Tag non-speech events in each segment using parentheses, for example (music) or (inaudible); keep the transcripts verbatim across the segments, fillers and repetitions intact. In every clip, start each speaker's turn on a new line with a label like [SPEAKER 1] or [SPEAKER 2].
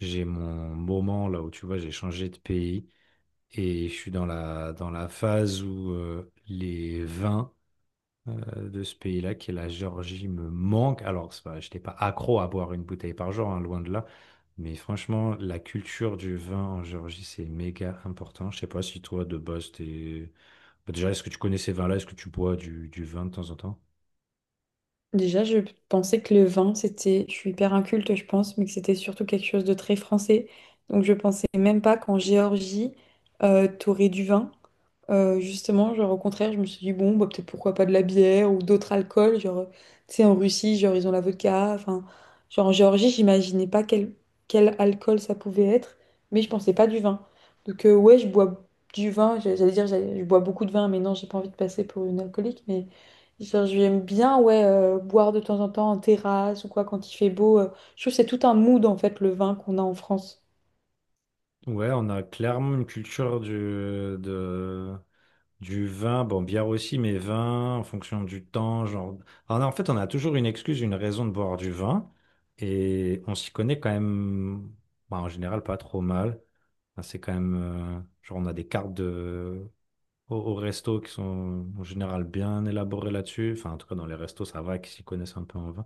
[SPEAKER 1] J'ai mon moment là où tu vois, j'ai changé de pays et je suis dans la, dans la phase où euh, les vins euh, de ce pays-là, qui est la Géorgie, me manquent. Alors, c'est pas- je n'étais pas accro à boire une bouteille par jour, hein, loin de là. Mais franchement, la culture du vin en Géorgie, c'est méga important. Je sais pas si toi, de base, t'es... Bah, déjà, est-ce que tu connais ces vins-là? Est-ce que tu bois du, du vin de temps en temps?
[SPEAKER 2] Déjà, je pensais que le vin, c'était, je suis hyper inculte, je pense, mais que c'était surtout quelque chose de très français. Donc, je pensais même pas qu'en Géorgie, euh, t'aurais du vin. Euh, justement, genre au contraire, je me suis dit, bon, bah, peut-être pourquoi pas de la bière ou d'autres alcools, genre, tu sais, en Russie, genre, ils ont la vodka, enfin, genre, en Géorgie, j'imaginais pas quel, quel alcool ça pouvait être, mais je pensais pas du vin. Donc, euh, ouais, je bois du vin, j'a- j'allais dire, j'allais- je bois beaucoup de vin, mais non, j'ai pas envie de passer pour une alcoolique, mais genre, j'aime bien, ouais, euh, boire de temps en temps en terrasse ou quoi, quand il fait beau. Euh, je trouve que c'est tout un mood, en fait, le vin qu'on a en France.
[SPEAKER 1] Ouais, on a clairement une culture du, de, du vin, bon, bière aussi, mais vin en fonction du temps, genre. Alors, en fait, on a toujours une excuse, une raison de boire du vin, et on s'y connaît quand même, bah, en général, pas trop mal. Enfin, c'est quand même, euh, genre, on a des cartes de... au, au resto qui sont en général bien élaborées là-dessus. Enfin, en tout cas, dans les restos, ça va, qui s'y connaissent un peu en vin.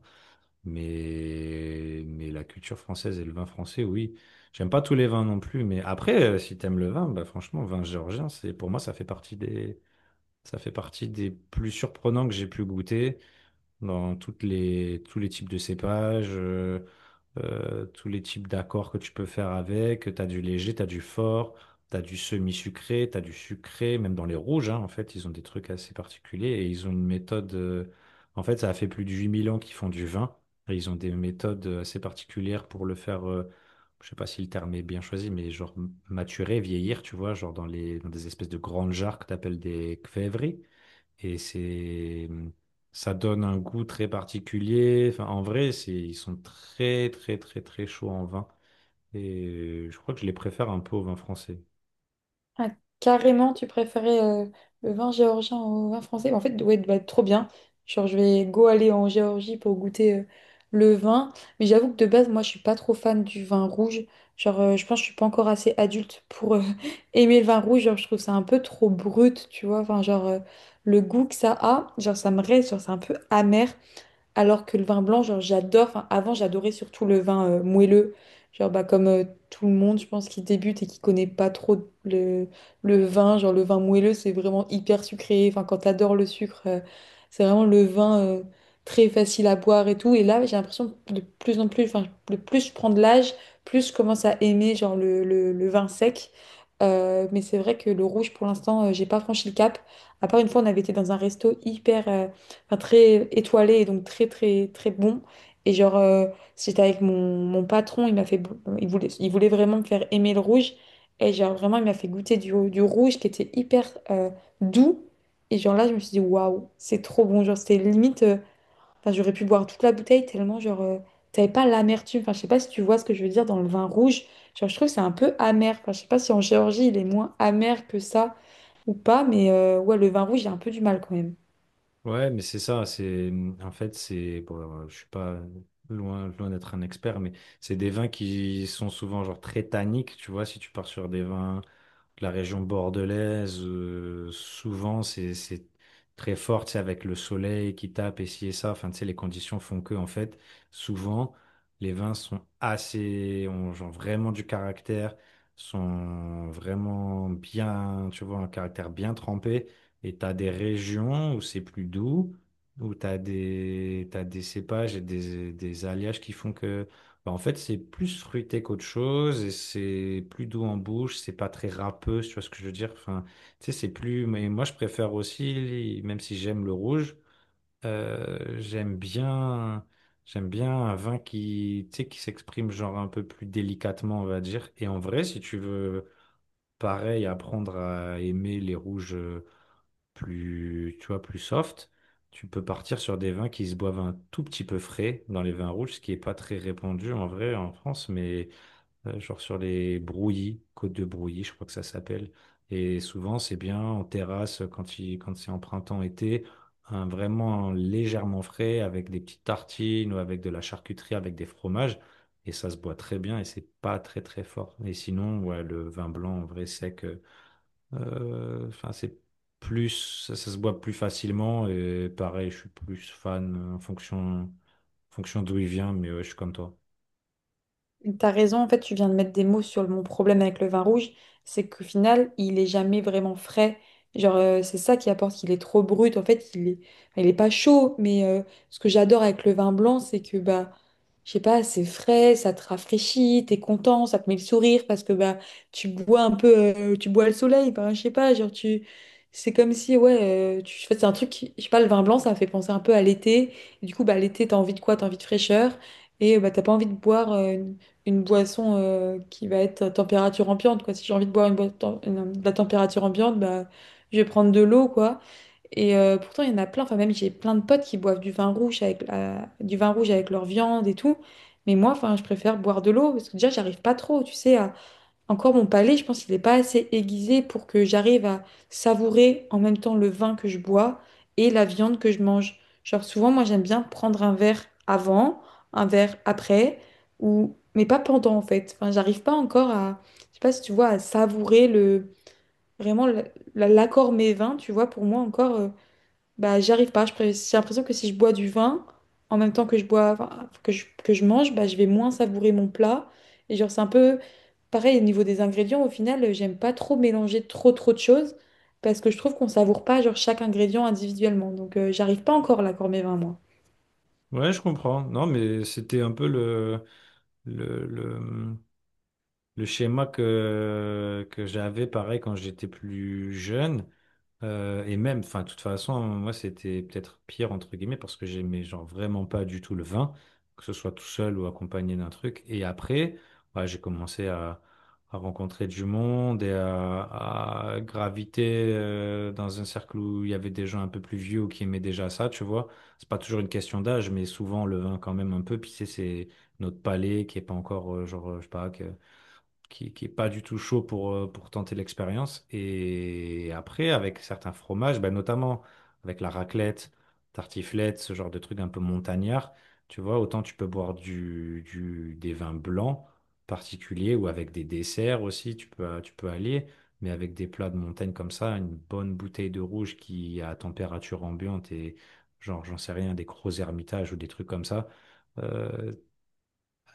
[SPEAKER 1] Mais, mais la culture française et le vin français, oui. J'aime pas tous les vins non plus, mais après, euh, si t'aimes le vin, bah, franchement, vin géorgien, c'est, pour moi, ça fait partie des ça fait partie des plus surprenants que j'ai pu goûter dans toutes les, tous les types de cépages, euh, euh, tous les types d'accords que tu peux faire avec. Tu as du léger, tu as du fort, tu as du semi-sucré, tu as du sucré, même dans les rouges, hein, en fait, ils ont des trucs assez particuliers et ils ont une méthode. euh, en fait, ça a fait plus de huit mille ans qu'ils font du vin et ils ont des méthodes assez particulières pour le faire. euh, je sais pas si le terme est bien choisi, mais genre maturer, vieillir, tu vois, genre dans les, dans des espèces de grandes jarres que tu appelles des kvévri. Et c'est, ça donne un goût très particulier. Enfin, en vrai, c'est, ils sont très, très, très, très chauds en vin. Et euh, je crois que je les préfère un peu au vin français.
[SPEAKER 2] Ah, carrément, tu préférais euh, le vin géorgien au vin français? En fait, ouais, bah, trop bien. Genre, je vais go aller en Géorgie pour goûter euh, le vin. Mais j'avoue que de base, moi, je suis pas trop fan du vin rouge. Genre, euh, je pense que je suis pas encore assez adulte pour euh, (laughs) aimer le vin rouge. Genre, je trouve ça un peu trop brut, tu vois. Enfin, genre, euh, le goût que ça a, genre, ça me reste, genre, c'est un peu amer. Alors que le vin blanc, genre, j'adore. Enfin, avant, j'adorais surtout le vin euh, moelleux. Genre, bah, comme euh, tout le monde, je pense, qui débute et qui connaît pas trop le, le vin. Genre, le vin moelleux, c'est vraiment hyper sucré. Enfin, quand t'adores le sucre, euh, c'est vraiment le vin euh, très facile à boire et tout. Et là, j'ai l'impression que de plus en plus, enfin, le plus je prends de l'âge, plus je commence à aimer, genre, le, le, le vin sec. Euh, mais c'est vrai que le rouge, pour l'instant, euh, j'ai pas franchi le cap. À part une fois, on avait été dans un resto hyper. Euh, enfin, très étoilé et donc très très très bon. Et genre, euh, j'étais avec mon, mon patron, il m'a fait, bo- il voulait, il voulait vraiment me faire aimer le rouge. Et genre, vraiment, il m'a fait goûter du, du rouge qui était hyper euh, doux. Et genre là, je me suis dit, waouh, c'est trop bon. Genre, c'était limite, euh, enfin, j'aurais pu boire toute la bouteille tellement, genre, euh, t'avais pas l'amertume. Enfin, je sais pas si tu vois ce que je veux dire dans le vin rouge. Genre, je trouve que c'est un peu amer. Enfin, je sais pas si en Géorgie, il est moins amer que ça ou pas, mais euh, ouais, le vin rouge, j'ai un peu du mal quand même.
[SPEAKER 1] Ouais, mais c'est ça. C'est, en fait, c'est, bon, alors, je suis pas loin, loin d'être un expert, mais c'est des vins qui sont souvent genre très tanniques. Tu vois, si tu pars sur des vins la région bordelaise, euh, souvent c'est c'est très fort, tu sais, avec le soleil qui tape et ci et ça. Enfin, tu sais, les conditions font que, en fait, souvent, les vins sont assez, ont genre vraiment du caractère, sont vraiment bien, tu vois, un caractère bien trempé. Et t'as des régions où c'est plus doux, où t'as des, t'as des cépages et des, des alliages qui font que. Bah, en fait, c'est plus fruité qu'autre chose et c'est plus doux en bouche, c'est pas très râpeux, si tu vois ce que je veux dire? Enfin, tu sais, c'est plus. Mais moi, je préfère aussi, même si j'aime le rouge, euh, j'aime bien, j'aime bien un vin qui, tu sais, qui s'exprime genre un peu plus délicatement, on va dire. Et en vrai, si tu veux, pareil, apprendre à aimer les rouges. euh, plus, tu vois, plus soft, tu peux partir sur des vins qui se boivent un tout petit peu frais dans les vins rouges, ce qui est pas très répandu en vrai en France, mais euh, genre sur les brouillis, Côte de Brouilly, je crois que ça s'appelle. Et souvent, c'est bien en terrasse quand il, quand c'est en printemps-été, un vraiment légèrement frais avec des petites tartines ou avec de la charcuterie, avec des fromages. Et ça se boit très bien et c'est pas très très fort. Et sinon, ouais, le vin blanc en vrai sec. euh, euh, Enfin, c'est plus, ça, ça se boit plus facilement et pareil, je suis plus fan euh, en fonction, en fonction d'où il vient, mais ouais, je suis comme toi.
[SPEAKER 2] T'as raison, en fait, tu viens de mettre des mots sur mon problème avec le vin rouge, c'est qu'au final, il est jamais vraiment frais. Genre, euh, c'est ça qui apporte qu'il est trop brut. En fait, il est, il est pas chaud, mais euh, ce que j'adore avec le vin blanc, c'est que, bah, je sais pas, c'est frais, ça te rafraîchit, t'es content, ça te met le sourire parce que, bah, tu bois un peu, euh, tu bois le soleil, bah, je sais pas, genre, tu. C'est comme si, ouais, euh, tu... en fait, c'est un truc, qui- je sais pas, le vin blanc, ça fait penser un peu à l'été. Du coup, bah, l'été, t'as envie de quoi? T'as envie de fraîcheur. Et bah, t'as pas envie de boire. Euh, une boisson euh, qui va être à température ambiante, quoi. Si j'ai envie de boire une boisson de la température ambiante, bah, je vais prendre de l'eau, quoi. Et euh, pourtant, il y en a plein. Enfin, même j'ai plein de potes qui boivent du vin rouge avec la- du vin rouge avec leur viande et tout. Mais moi, enfin, je préfère boire de l'eau parce que déjà, j'arrive pas trop, tu sais, à, encore mon palais, je pense qu'il n'est pas assez aiguisé pour que j'arrive à savourer en même temps le vin que je bois et la viande que je mange. Genre souvent, moi j'aime bien prendre un verre avant, un verre après, ou mais pas pendant en fait. Enfin, j'arrive pas encore à, je sais pas si tu vois, à savourer le vraiment le- la- l'accord mes vins. Tu vois, pour moi encore, euh, bah, j'y arrive pas. Je pré- J'ai l'impression que si je bois du vin, en même temps que je bois, enfin, que je, que je mange, bah, je vais moins savourer mon plat. Et genre, c'est un peu pareil au niveau des ingrédients. Au final, euh, j'aime pas trop mélanger trop, trop de choses parce que je trouve qu'on savoure pas genre chaque ingrédient individuellement. Donc, euh, j'arrive pas encore là pour mes vins, moi.
[SPEAKER 1] Ouais, je comprends. Non, mais c'était un peu le, le, le, le schéma que, que j'avais pareil quand j'étais plus jeune. Euh, et même, enfin, de toute façon, moi, c'était peut-être pire, entre guillemets, parce que j'aimais, genre, vraiment pas du tout le vin, que ce soit tout seul ou accompagné d'un truc. Et après, ouais, j'ai commencé à, à rencontrer du monde et à, à graviter euh, dans un cercle où il y avait des gens un peu plus vieux ou qui aimaient déjà ça, tu vois. C'est pas toujours une question d'âge, mais souvent, le vin, quand même, un peu. Puis, c'est c'est notre palais qui est pas encore, euh, genre, euh, je sais pas, que qui, qui est pas du tout chaud pour, euh, pour tenter l'expérience. Et après, avec certains fromages, ben notamment avec la raclette, tartiflette, ce genre de truc un peu montagnard, tu vois, autant tu peux boire du, du, des vins blancs particuliers ou avec des desserts aussi, tu peux, tu peux allier. Mais avec des plats de montagne comme ça, une bonne bouteille de rouge qui à température ambiante et genre, j'en sais rien, des gros Hermitage ou des trucs comme ça, euh,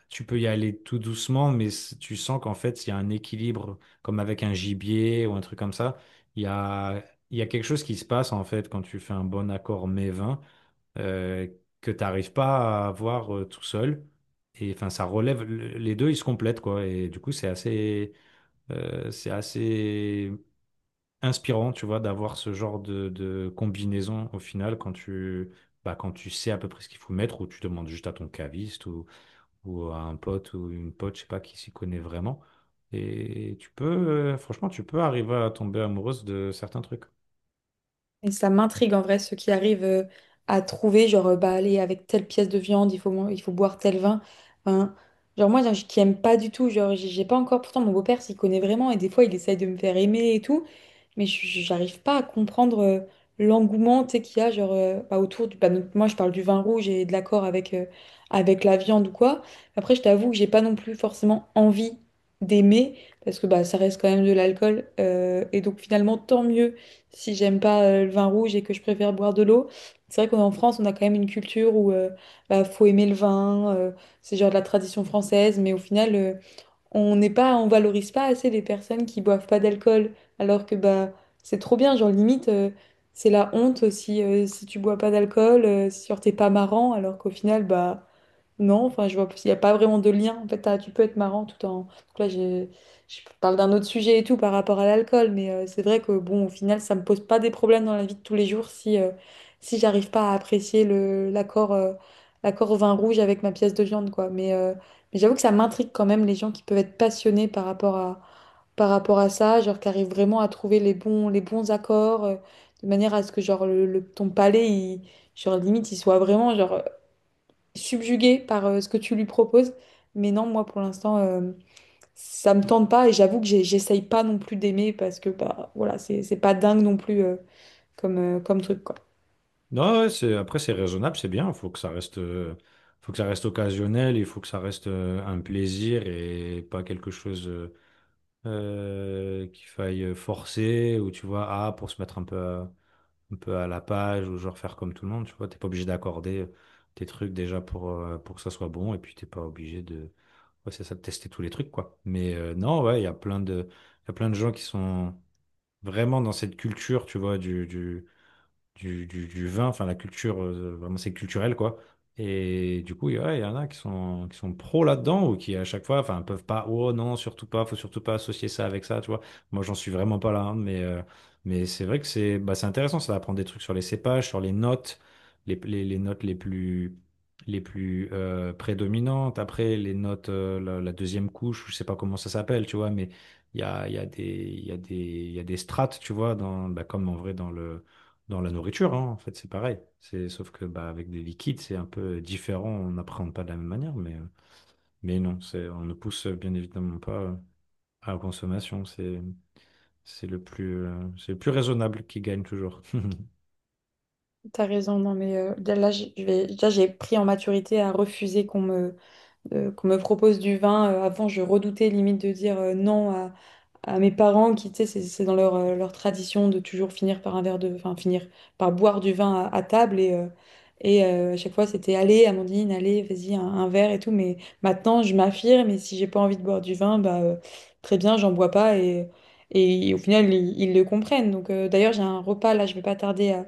[SPEAKER 1] tu peux y aller tout doucement, mais c- tu sens qu'en fait, il y a un équilibre, comme avec un gibier ou un truc comme ça. Il y a, il y a quelque chose qui se passe, en fait, quand tu fais un bon accord mets-vin, euh, que tu n'arrives pas à avoir euh, tout seul. Et enfin, ça relève, le- les deux, ils se complètent, quoi. Et du coup, c'est assez, euh, c'est assez inspirant, tu vois, d'avoir ce genre de, de combinaison au final quand tu, bah, quand tu sais à peu près ce qu'il faut mettre ou tu demandes juste à ton caviste ou à un pote ou une pote, je sais pas, qui s'y connaît vraiment. Et tu peux, euh, franchement, tu peux arriver à tomber amoureuse de certains trucs.
[SPEAKER 2] Et ça m'intrigue en vrai, ceux qui arrivent euh, à trouver, genre, euh, bah, allez, avec telle pièce de viande, il faut, man- il faut boire tel vin. Enfin, genre moi, j'ai- qui aime pas du tout, genre j'ai j'ai pas encore, pourtant mon beau-père s'y connaît vraiment et des fois il essaye de me faire aimer et tout, mais je- j'arrive pas à comprendre euh, l'engouement tu sais, qu'il y a genre, euh, bah, autour du... bah, donc, moi, je parle du vin rouge et de l'accord avec, euh, avec la viande ou quoi. Après, je t'avoue que j'ai pas non plus forcément envie d'aimer, parce que bah, ça reste quand même de l'alcool. Euh, et donc, finalement, tant mieux si j'aime pas euh, le vin rouge et que je préfère boire de l'eau. C'est vrai qu'en France, on a quand même une culture où euh, bah, faut aimer le vin, euh, c'est genre de la tradition française, mais au final... euh, on n'est pas, on valorise pas assez les personnes qui boivent pas d'alcool, alors que bah c'est trop bien, genre limite euh, c'est la honte si euh, si tu bois pas d'alcool, euh, si genre t'es pas marrant, alors qu'au final bah non, enfin, je vois, il n'y a pas vraiment de lien. En fait, t'as- tu peux être marrant tout en. Donc là, je, je parle d'un autre sujet et tout par rapport à l'alcool, mais euh, c'est vrai que, bon, au final, ça me pose pas des problèmes dans la vie de tous les jours si, euh, si j'arrive pas à apprécier le, l'accord, euh, l'accord au vin rouge avec ma pièce de viande, quoi. Mais, euh, mais j'avoue que ça m'intrigue quand même les gens qui peuvent être passionnés par rapport à, par rapport à ça, genre qui arrivent vraiment à trouver les bons, les bons accords, euh, de manière à ce que, genre, le, le- ton palais, il, genre, limite, il soit vraiment, genre subjuguée par euh, ce que tu lui proposes. Mais non, moi pour l'instant, euh, ça me tente pas et j'avoue que j'ai- j'essaye pas non plus d'aimer parce que bah voilà, c'est c'est pas dingue non plus euh, comme, euh, comme truc quoi.
[SPEAKER 1] Non, ouais, c'est, après, c'est raisonnable, c'est bien. Il faut que ça reste, euh, faut que ça reste occasionnel, il faut que ça reste euh, un plaisir et pas quelque chose euh, euh, qu'il faille forcer ou tu vois, ah, pour se mettre un peu à- un peu à la page ou genre faire comme tout le monde, tu vois. T'es pas obligé d'accorder euh, tes trucs déjà pour, euh, pour que ça soit bon et puis t'es pas obligé de, ouais, c'est ça, de tester tous les trucs, quoi. Mais euh, non, ouais, il y a plein de, il y a plein de gens qui sont vraiment dans cette culture, tu vois, du, du, du, du, du vin, enfin la culture, euh, vraiment c'est culturel quoi. Et du coup, il y ouais, il y en a qui sont, qui sont pros là-dedans ou qui à chaque fois, enfin, peuvent pas, oh non, surtout pas, faut surtout pas associer ça avec ça, tu vois. Moi, j'en suis vraiment pas là, hein, mais, euh, mais c'est vrai que c'est bah, c'est intéressant, ça apprendre des trucs sur les cépages, sur les notes, les, les, les notes les plus, les plus euh, prédominantes. Après, les notes, euh, la, la deuxième couche, je sais pas comment ça s'appelle, tu vois, mais il y a, il y a des, il y a des, il y a des strates, tu vois, dans, bah, comme en vrai dans le dans la nourriture, hein, en fait, c'est pareil. C'est, sauf que bah, avec des liquides, c'est un peu euh, différent. On n'appréhende pas de la même manière, mais, euh, mais non, c'est, on ne pousse euh, bien évidemment pas euh, à la consommation. C'est, c'est le plus, euh, c'est le plus raisonnable qui gagne toujours. (laughs)
[SPEAKER 2] T'as raison, non mais euh, là je je vais là j'ai pris en maturité à refuser qu'on me euh, qu'on me propose du vin. Euh, avant, je redoutais limite de dire euh, non à, à mes parents qui, tu sais, c'est c'est dans leur, euh, leur tradition de toujours finir par un verre de, enfin, finir par boire du vin à, à table. Et, euh, et euh, à chaque fois, c'était allez, Amandine, allez, vas-y, un, un verre et tout. Mais maintenant, je m'affirme et si j'ai pas envie de boire du vin, bah, euh, très bien, j'en bois pas. Et, et au final, ils, ils le comprennent. Donc, euh, d'ailleurs, j'ai un repas là, je vais pas tarder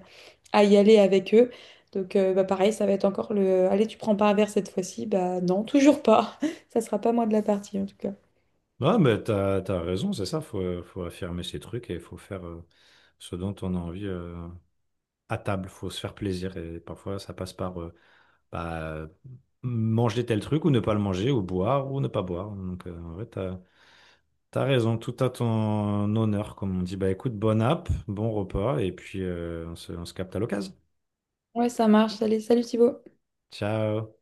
[SPEAKER 2] à y aller avec eux. Donc euh, bah, pareil, ça va être encore le allez, tu prends pas un verre cette fois-ci. Bah non, toujours pas. (laughs) Ça sera pas moi de la partie en tout cas.
[SPEAKER 1] Ouais, mais t'as, t'as raison, c'est ça. Faut, euh, faut affirmer ses trucs et il faut faire euh, ce dont on a envie euh, à table. Faut se faire plaisir et parfois ça passe par euh, bah, manger tel truc ou ne pas le manger ou boire ou ne pas boire. Donc euh, en vrai, t'as raison, tout à ton honneur, comme on dit. Bah écoute, bonne app, bon repas, et puis euh, on se, on se capte à l'occasion.
[SPEAKER 2] Ouais, ça marche. Allez, salut Thibaut.
[SPEAKER 1] Ciao!